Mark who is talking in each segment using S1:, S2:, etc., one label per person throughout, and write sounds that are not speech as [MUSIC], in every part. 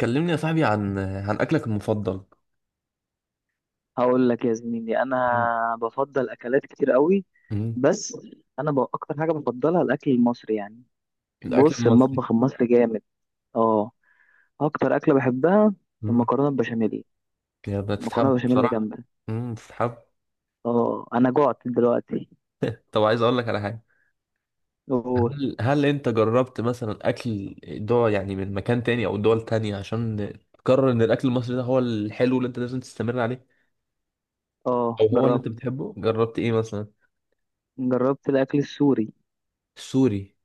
S1: كلمني يا صاحبي عن أكلك المفضل.
S2: هقول لك يا زميلي،
S1: مم.
S2: انا بفضل اكلات كتير قوي.
S1: مم.
S2: بس انا اكتر حاجه بفضلها الاكل المصري يعني.
S1: الأكل
S2: بص،
S1: المصري.
S2: المطبخ المصري جامد. اه اكتر اكله بحبها
S1: مم.
S2: المكرونه البشاميل.
S1: يا
S2: المكرونه
S1: بتتحب
S2: البشاميل
S1: بصراحة.
S2: جامده.
S1: مم. بتتحب.
S2: اه، انا جوعت دلوقتي.
S1: [LAUGHS] طب عايز أقول لك على حاجة.
S2: أوه.
S1: هل أنت جربت مثلا أكل دول، يعني من مكان تاني أو دول تانية عشان تقرر إن الأكل المصري ده هو الحلو اللي أنت لازم تستمر عليه،
S2: اه،
S1: أو هو اللي
S2: جربت.
S1: أنت بتحبه؟ جربت إيه مثلا؟
S2: جربت الاكل السوري.
S1: سوري.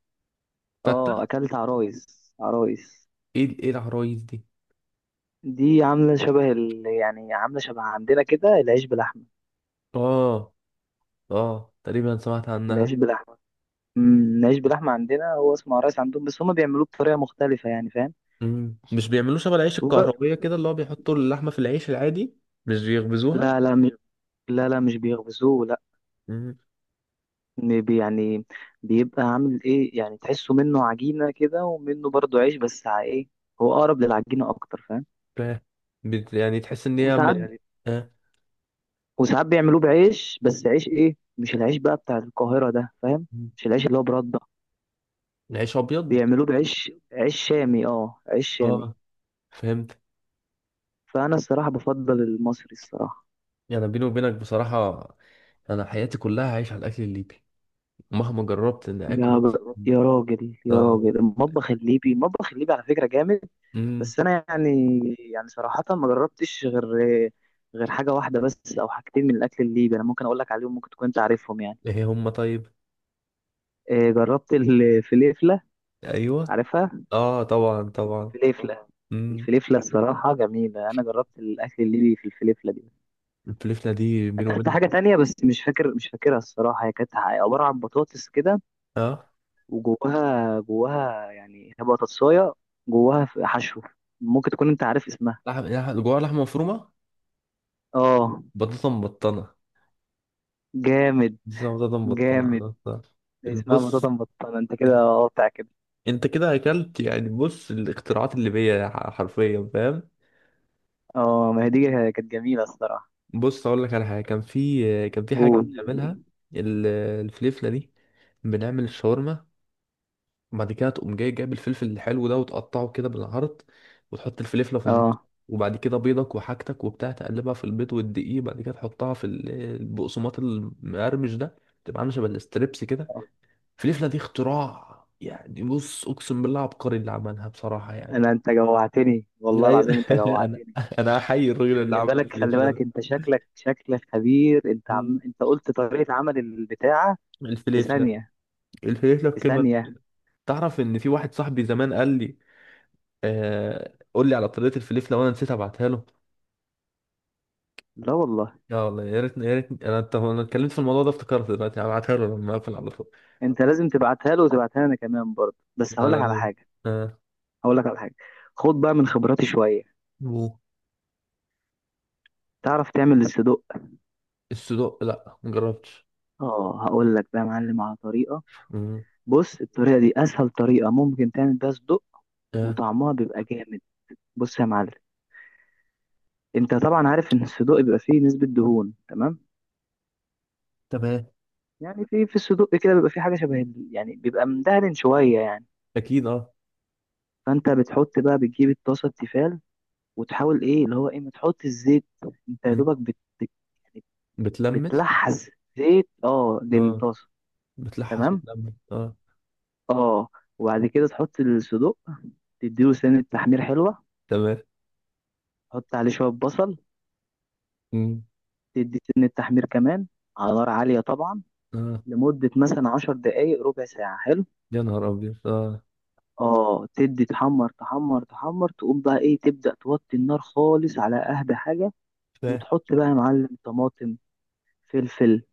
S2: اه،
S1: فتة.
S2: اكلت عرايس، عرايس.
S1: إيه العرايس دي؟
S2: دي عامله شبه يعني عامله شبه عندنا كده، العيش بلحمه.
S1: آه. آه، تقريبا سمعت عنها.
S2: العيش بلحمه. نعيش باللحمة عندنا، هو اسمه عرايس عندهم، بس هما بيعملوه بطريقة مختلفة، يعني فاهم.
S1: مم. مش بيعملوه شبه العيش الكهربية
S2: وج-
S1: كده، اللي هو بيحطوا اللحمة في العيش العادي؟ مش بيخبزوها؟
S2: لا لا مش لا، لا، مش بيخبزوه، لا.
S1: مم.
S2: يعني بيبقى عامل ايه، يعني تحسه منه عجينة كده، ومنه برضه عيش، بس ايه، هو أقرب للعجينة أكتر، فاهم.
S1: فاهم. يعني تحس ان هي
S2: وساعات يعني
S1: آه.
S2: وساعات بيعملوه بعيش، بس عيش ايه، مش العيش بقى بتاع القاهرة ده، فاهم.
S1: مم.
S2: مش العيش اللي هو برده.
S1: عيش ابيض.
S2: بيعملوه بعيش، عيش شامي، اه، عيش شامي.
S1: اه، فهمت.
S2: فأنا الصراحة بفضل المصري، الصراحة.
S1: يعني بيني وبينك بصراحة، انا حياتي كلها عايش على الاكل الليبي، مهما جربت ان اكل.
S2: يا راجل، يا
S1: اه.
S2: راجل، المطبخ الليبي، المطبخ الليبي على فكرة جامد.
S1: امم.
S2: بس أنا يعني صراحة ما جربتش غير حاجة واحدة بس، أو حاجتين من الأكل الليبي. أنا ممكن أقول لك عليهم، ممكن تكون أنت عارفهم يعني.
S1: ايه هم طيب؟
S2: آه، جربت الفليفلة.
S1: ايوه.
S2: عارفها؟
S1: اه طبعا طبعا.
S2: الفليفلة.
S1: امم.
S2: الفليفلة الصراحة جميلة، أنا جربت الأكل الليبي في الفليفلة دي.
S1: الفلفلة دي بيني
S2: أكلت
S1: وبينك.
S2: حاجة تانية، بس مش فاكر، مش فاكرها الصراحة. هي كانت عبارة عن بطاطس كده،
S1: اه،
S2: جواها يعني هي بطاطساية، جواها في حشو. ممكن تكون انت عارف اسمها.
S1: جواها لحمة مفرومة.
S2: اه،
S1: بطاطا مبطنة.
S2: جامد،
S1: بالظبط، ده
S2: جامد.
S1: مبطلة.
S2: ده اسمها
S1: بص.
S2: بطاطا مبططة، انت كده،
S1: إن-
S2: اه، بتاع كده.
S1: انت كده اكلت، يعني بص الاختراعات اللي حرفيا، فاهم؟
S2: اه، ما هي دي، كانت جميلة الصراحة.
S1: بص اقول لك على حاجه. كان في حاجه
S2: قول.
S1: بنعملها. ال- الفليفله دي، بنعمل الشاورما، وبعد كده تقوم جاي جايب الفلفل الحلو ده وتقطعه كده بالعرض، وتحط الفليفله في النص،
S2: اه،
S1: وبعد كده بيضك وحاجتك وبتاع، تقلبها في البيض والدقيق، بعد كده تحطها في البقسماط المقرمش ده، تبقى عامله شبه الاستريبس كده. فليفله دي اختراع، يعني بص اقسم بالله عبقري اللي عملها بصراحه يعني.
S2: انت جوعتني والله
S1: أيوة.
S2: العظيم، انت
S1: [LAUGHS] انا
S2: جوعتني.
S1: انا احيي الراجل اللي
S2: خلي
S1: عمل
S2: بالك، خلي
S1: الفليفله
S2: بالك،
S1: ده.
S2: انت شكلك خبير، انت
S1: مم.
S2: انت قلت طريقة عمل البتاعة. في
S1: الفليفله.
S2: ثانية.
S1: الفليفله
S2: في
S1: بكلمه.
S2: ثانية.
S1: تعرف ان في واحد صاحبي زمان قال لي، آه قول لي على طريقه الفليفله، وانا نسيت ابعتها له.
S2: لا والله.
S1: لا والله. يا ريت يا ريت. طب انا اتكلمت في الموضوع ده، افتكرت دلوقتي، هبعتها له لما اقفل على طول.
S2: انت لازم تبعتها له، وتبعتها لنا كمان برضه. بس
S1: انا. آه.
S2: هقول لك على حاجه، خد بقى من خبراتي شويه،
S1: مو.
S2: تعرف تعمل الصدق.
S1: السودوء لا مجربتش.
S2: اه، هقول لك بقى يا معلم على طريقه.
S1: مم.
S2: بص، الطريقه دي اسهل طريقه ممكن تعمل بيها صدق،
S1: آه.
S2: وطعمها بيبقى جامد. بص يا معلم، انت طبعا عارف ان الصدوق بيبقى فيه نسبة دهون، تمام.
S1: تمام.
S2: يعني في الصدوق كده بيبقى فيه حاجة شبه يعني بيبقى مدهن شوية يعني.
S1: اكيد اه.
S2: فانت بتحط بقى، بتجيب الطاسة التيفال، وتحاول ايه اللي هو ايه، ما تحط الزيت. انت يا
S1: مم.
S2: دوبك بت- يعني
S1: بتلمس.
S2: بتلحس زيت، اه،
S1: اه.
S2: للطاسة.
S1: بتلحس
S2: تمام،
S1: وتلمس اه.
S2: اه، وبعد كده تحط الصدوق، تديله سنة تحمير حلوة.
S1: تمام.
S2: تحط عليه شوية بصل،
S1: مم.
S2: تدي سنة تحمير كمان، على نار عالية طبعا،
S1: اه.
S2: لمدة مثلا 10 دقايق، ربع ساعة. حلو،
S1: يا نهار ابيض اه.
S2: اه، تدي تحمر، تحمر، تحمر، تقوم بقى ايه، تبدأ توطي النار خالص على أهدى حاجة.
S1: فاهم.
S2: وتحط بقى يا معلم طماطم، فلفل،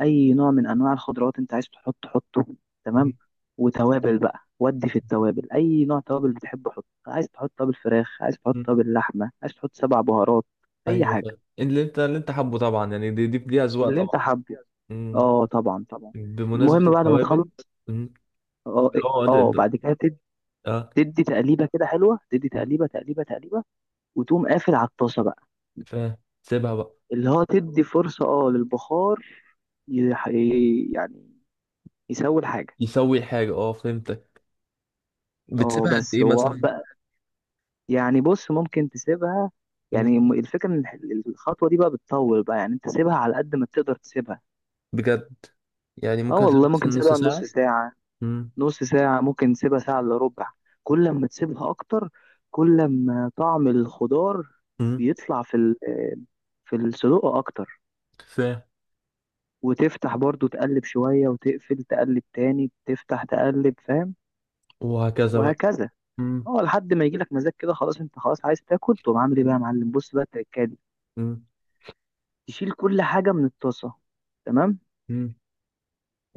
S2: اي نوع من انواع الخضروات انت عايز تحط، حطه. تمام،
S1: مم.
S2: وتوابل بقى، ودي في التوابل اي نوع توابل بتحبه حطه، عايز تحط توابل فراخ، عايز تحط
S1: مم.
S2: توابل لحمه، عايز تحط سبع بهارات، اي
S1: ايوه
S2: حاجه،
S1: فاهم، اللي انت حابه طبعا، يعني دي اذواق
S2: اللي انت
S1: طبعا.
S2: حابه.
S1: مم.
S2: اه طبعا، طبعا.
S1: بمناسبة
S2: المهم بعد ما
S1: التوابل.
S2: تخلص،
S1: مم.
S2: اه إيه،
S1: اه ده
S2: اه
S1: ده
S2: بعد كده
S1: اه.
S2: تدي تقليبه كده حلوه، تدي
S1: آه.
S2: تقليبه، تقليبه، تقليبه. وتقوم قافل على الطاسه بقى،
S1: فاهم. سيبها بقى.
S2: اللي هو تدي فرصه اه للبخار، يح- يعني يسوي الحاجه.
S1: يسوي الحاجة، اه فهمتك.
S2: اه،
S1: بتسيبها قد
S2: بس
S1: ايه
S2: هو
S1: مثلا؟
S2: يعني، بص، ممكن تسيبها،
S1: مم.
S2: يعني الفكرة ان الخطوة دي بقى بتطول بقى، يعني انت سيبها على قد ما تقدر تسيبها.
S1: بجد؟ يعني
S2: اه
S1: ممكن
S2: والله،
S1: اسيبها مثلا
S2: ممكن
S1: نص
S2: تسيبها نص
S1: ساعة؟
S2: ساعة.
S1: مم.
S2: نص ساعة ممكن تسيبها، ساعة الا ربع، كل ما تسيبها اكتر، كل ما طعم الخضار
S1: مم.
S2: بيطلع في في الصدوق اكتر.
S1: فاهم.
S2: وتفتح برضو تقلب شوية، وتقفل، تقلب تاني، تفتح تقلب، فاهم.
S1: وهكذا بقى.
S2: وهكذا.
S1: مم.
S2: اه، لحد ما يجيلك مزاج كده خلاص، انت خلاص عايز تاكل، تقوم عامل ايه بقى يا معلم، بص بقى التركات.
S1: مم.
S2: تشيل كل حاجة من الطاسة، تمام.
S1: مم.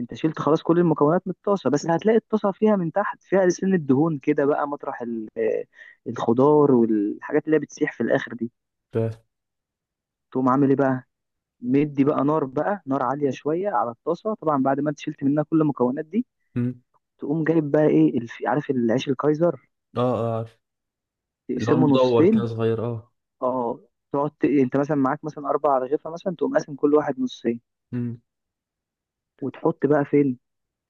S2: انت شلت خلاص كل المكونات من الطاسة، بس هتلاقي الطاسة فيها من تحت فيها سن الدهون كده بقى، مطرح الخضار والحاجات اللي هي بتسيح في الآخر دي.
S1: فاهم.
S2: تقوم عامل ايه بقى، مدي بقى نار، بقى نار عالية شوية على الطاسة، طبعا بعد ما انت شلت منها كل المكونات دي.
S1: مم.
S2: تقوم جايب بقى ايه، عارف العيش الكايزر،
S1: اه اه. اللي هو
S2: تقسمه
S1: المدور كان
S2: نصين.
S1: صغير اه.
S2: اه، انت مثلا معاك مثلا أربع رغيفة مثلا، تقوم قاسم كل واحد نصين،
S1: امم.
S2: وتحط بقى فين.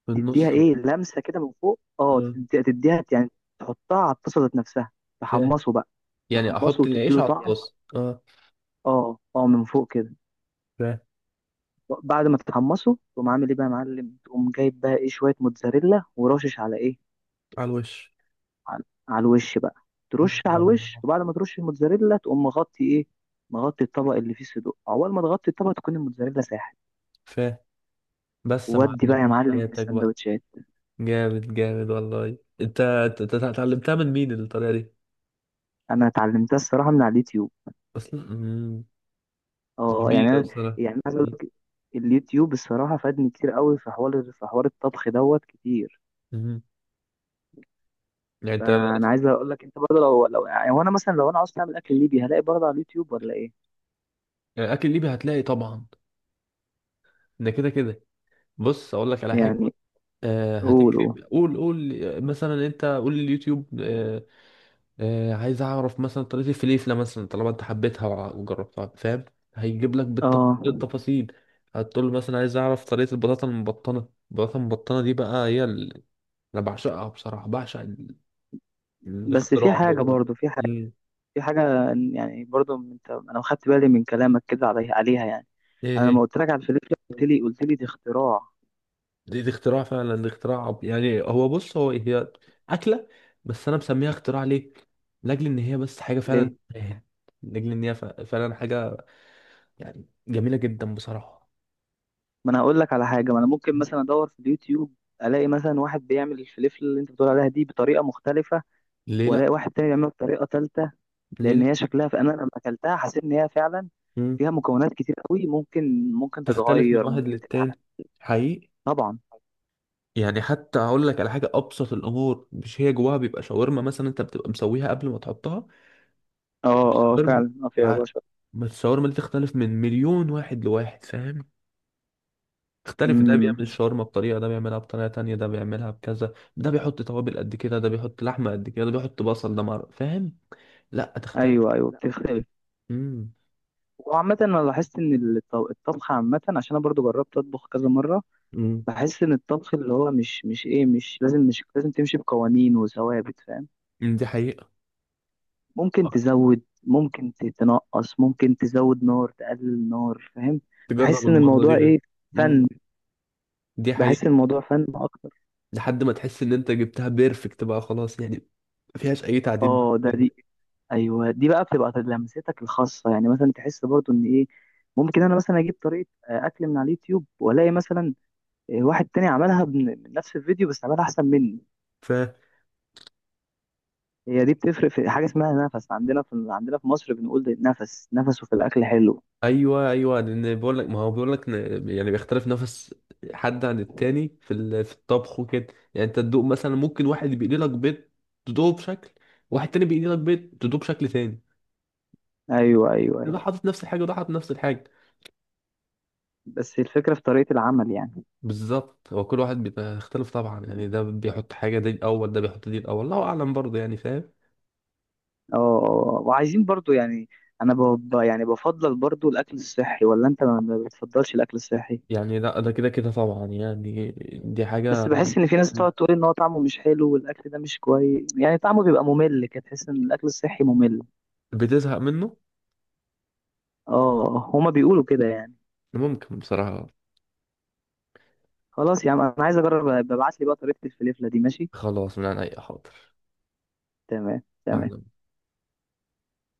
S1: في
S2: تديها
S1: النص بقى.
S2: ايه لمسه كده من فوق، اه،
S1: اه
S2: تديها يعني، تحطها على الطاسه ذات نفسها،
S1: فاهم،
S2: تحمصه بقى.
S1: يعني
S2: تحمصه
S1: احط العيش
S2: وتديله
S1: على
S2: طعم،
S1: الطاسه اه.
S2: اه، اه، من فوق كده.
S1: فاهم.
S2: بعد ما تتحمصه تقوم عامل ايه بقى يا معلم، تقوم جايب بقى ايه شويه موتزاريلا، ورشش على ايه،
S1: على الوش.
S2: على الوش بقى. ترش على الوش،
S1: الله.
S2: وبعد ما ترش الموتزاريلا تقوم مغطي ايه، مغطي الطبق اللي فيه صدوق، اول ما تغطي الطبق تكون الموتزاريلا ساحت.
S1: فاهم. بس يا
S2: ودي
S1: معلم
S2: بقى يا
S1: عيش
S2: معلم في
S1: حياتك بقى.
S2: السندوتشات.
S1: جامد جامد والله انت. اتعلمتها من مين الطريقه دي
S2: انا اتعلمتها الصراحه من على اليوتيوب.
S1: اصلا؟ مم.
S2: اه، يعني
S1: جميله
S2: انا
S1: بصراحه.
S2: يعني أنا عايز اقول
S1: مم.
S2: لك، اليوتيوب الصراحه فادني كتير قوي في حوار، الطبخ دوت كتير.
S1: مم. يعني انت.
S2: فانا عايز اقول لك انت برضه لو يعني، هو انا مثلا لو انا عاوز اعمل اكل ليبي هلاقي برضه على اليوتيوب، ولا ايه
S1: يعني اكل ليبي هتلاقي طبعا، ده كده كده. بص اقول لك على حاجه.
S2: يعني. قول، قول،
S1: هتكتب قول قول، مثلا انت قول اليوتيوب، عايز اعرف مثلا طريقة الفليفلة، مثلا طالما انت حبيتها وع- وجربتها، فاهم؟ هيجيب لك
S2: اه.
S1: بالتفاصيل. هتقول له مثلا عايز اعرف طريقة البطاطا المبطنة. البطاطا المبطنة دي بقى هي انا بعشقها بصراحة، بعشق
S2: بس في
S1: الاختراع
S2: حاجه
S1: ده.
S2: برضه، في حاجه
S1: مم.
S2: في حاجه يعني برضه، انا خدت بالي من كلامك كده، عليها يعني.
S1: ايه
S2: انا لما
S1: هي؟
S2: قلت لك على الفلفله، قلت لي دي اختراع،
S1: دي اختراع فعلا، دي اختراع. يعني بص هو هي اكلة، بس انا مسميها اختراع ليه؟ لاجل ان هي بس حاجة فعلا.
S2: ليه.
S1: لاجل ان هي فعلا حاجة، يعني جميلة جدا بصراحة.
S2: ما انا هقول لك على حاجه، ما انا ممكن مثلا ادور في اليوتيوب، الاقي مثلا واحد بيعمل الفلفل اللي انت بتقول عليها دي بطريقه مختلفه،
S1: ليه لا.
S2: والاقي واحد تاني بيعمله بطريقه ثالثه. لان
S1: ليه
S2: هي شكلها، فانا لما اكلتها حسيت ان هي فعلا
S1: لا.
S2: فيها مكونات كتير قوي، ممكن
S1: تختلف من
S2: تتغير،
S1: واحد
S2: ممكن تتعمل.
S1: للتاني. حقيقي.
S2: طبعا.
S1: يعني حتى هقول لك على حاجه، ابسط الامور مش هي جواها بيبقى شاورما مثلا؟ انت بتبقى مسويها قبل ما تحطها،
S2: اه، اه،
S1: الشاورما.
S2: فعلا، فيها
S1: ع-
S2: بشر.
S1: ما الشاورما دي تختلف من مليون واحد لواحد، فاهم؟ تختلف. ده بيعمل
S2: امم.
S1: الشاورما بطريقه، ده بيعملها بطريقه تانية، ده بيعملها بكذا، ده بيحط توابل قد كده، ده بيحط لحمه قد كده، ده بيحط بصل، فاهم؟ لا تختلف.
S2: ايوه، ايوه، بتختلف.
S1: امم.
S2: وعامة انا لاحظت ان الطبخ عامة، عشان انا برضو جربت اطبخ كذا مرة،
S1: امم.
S2: بحس ان الطبخ اللي هو مش لازم، مش لازم تمشي بقوانين وثوابت، فاهم.
S1: دي حقيقه.
S2: ممكن تزود، ممكن تنقص، ممكن تزود نار، تقلل نار، فاهم.
S1: تجرب
S2: بحس ان
S1: المره دي
S2: الموضوع
S1: غير.
S2: ايه،
S1: امم.
S2: فن.
S1: دي
S2: بحس
S1: حقيقه.
S2: الموضوع فن اكتر.
S1: لحد ما تحس ان انت جبتها بيرفكت بقى، خلاص يعني ما فيهاش اي تعديل بعد
S2: اه ده
S1: كده.
S2: دي ايوه، دي بقى بتبقى لمستك الخاصه، يعني مثلا تحس برضو ان ايه، ممكن انا مثلا اجيب طريقه اكل من على اليوتيوب، والاقي مثلا واحد تاني عملها من نفس الفيديو، بس عملها احسن مني.
S1: فا
S2: هي دي بتفرق في حاجه اسمها نفس، عندنا في مصر بنقول، ده نفس، نفسه في الاكل حلو.
S1: ايوه ايوه، لان بقول لك، ما هو بيقول لك يعني بيختلف نفس حد عن التاني في الطبخ وكده. يعني انت تدوق مثلا، ممكن واحد بيقلي لك بيض تدوقه بشكل، واحد تاني بيقلي لك بيض تدوقه بشكل تاني.
S2: ايوه، ايوه، ايوه.
S1: ده حاطط نفس الحاجه، وده حاطط نفس الحاجه.
S2: بس الفكره في طريقه العمل يعني.
S1: بالظبط، هو كل واحد بيختلف طبعا، يعني ده بيحط حاجه دي الاول، ده بيحط دي الاول، الله اعلم برضه يعني، فاهم؟
S2: وعايزين برضو يعني، انا يعني بفضل برضو الاكل الصحي، ولا انت ما بتفضلش الاكل الصحي.
S1: يعني لا، ده كده كده طبعا يعني، دي حاجه.
S2: بس بحس ان في ناس بتقعد تقول ان هو طعمه مش حلو، والاكل ده مش كويس يعني، طعمه بيبقى ممل كده، تحس ان الاكل الصحي ممل.
S1: بتزهق منه.
S2: اه، هما بيقولوا كده يعني.
S1: ممكن بصراحة.
S2: خلاص يا عم، انا عايز اجرب، ابعت لي بقى طريقة الفليفلة دي، ماشي.
S1: خلاص من عن أي، حاضر.
S2: تمام، تمام.
S1: احنا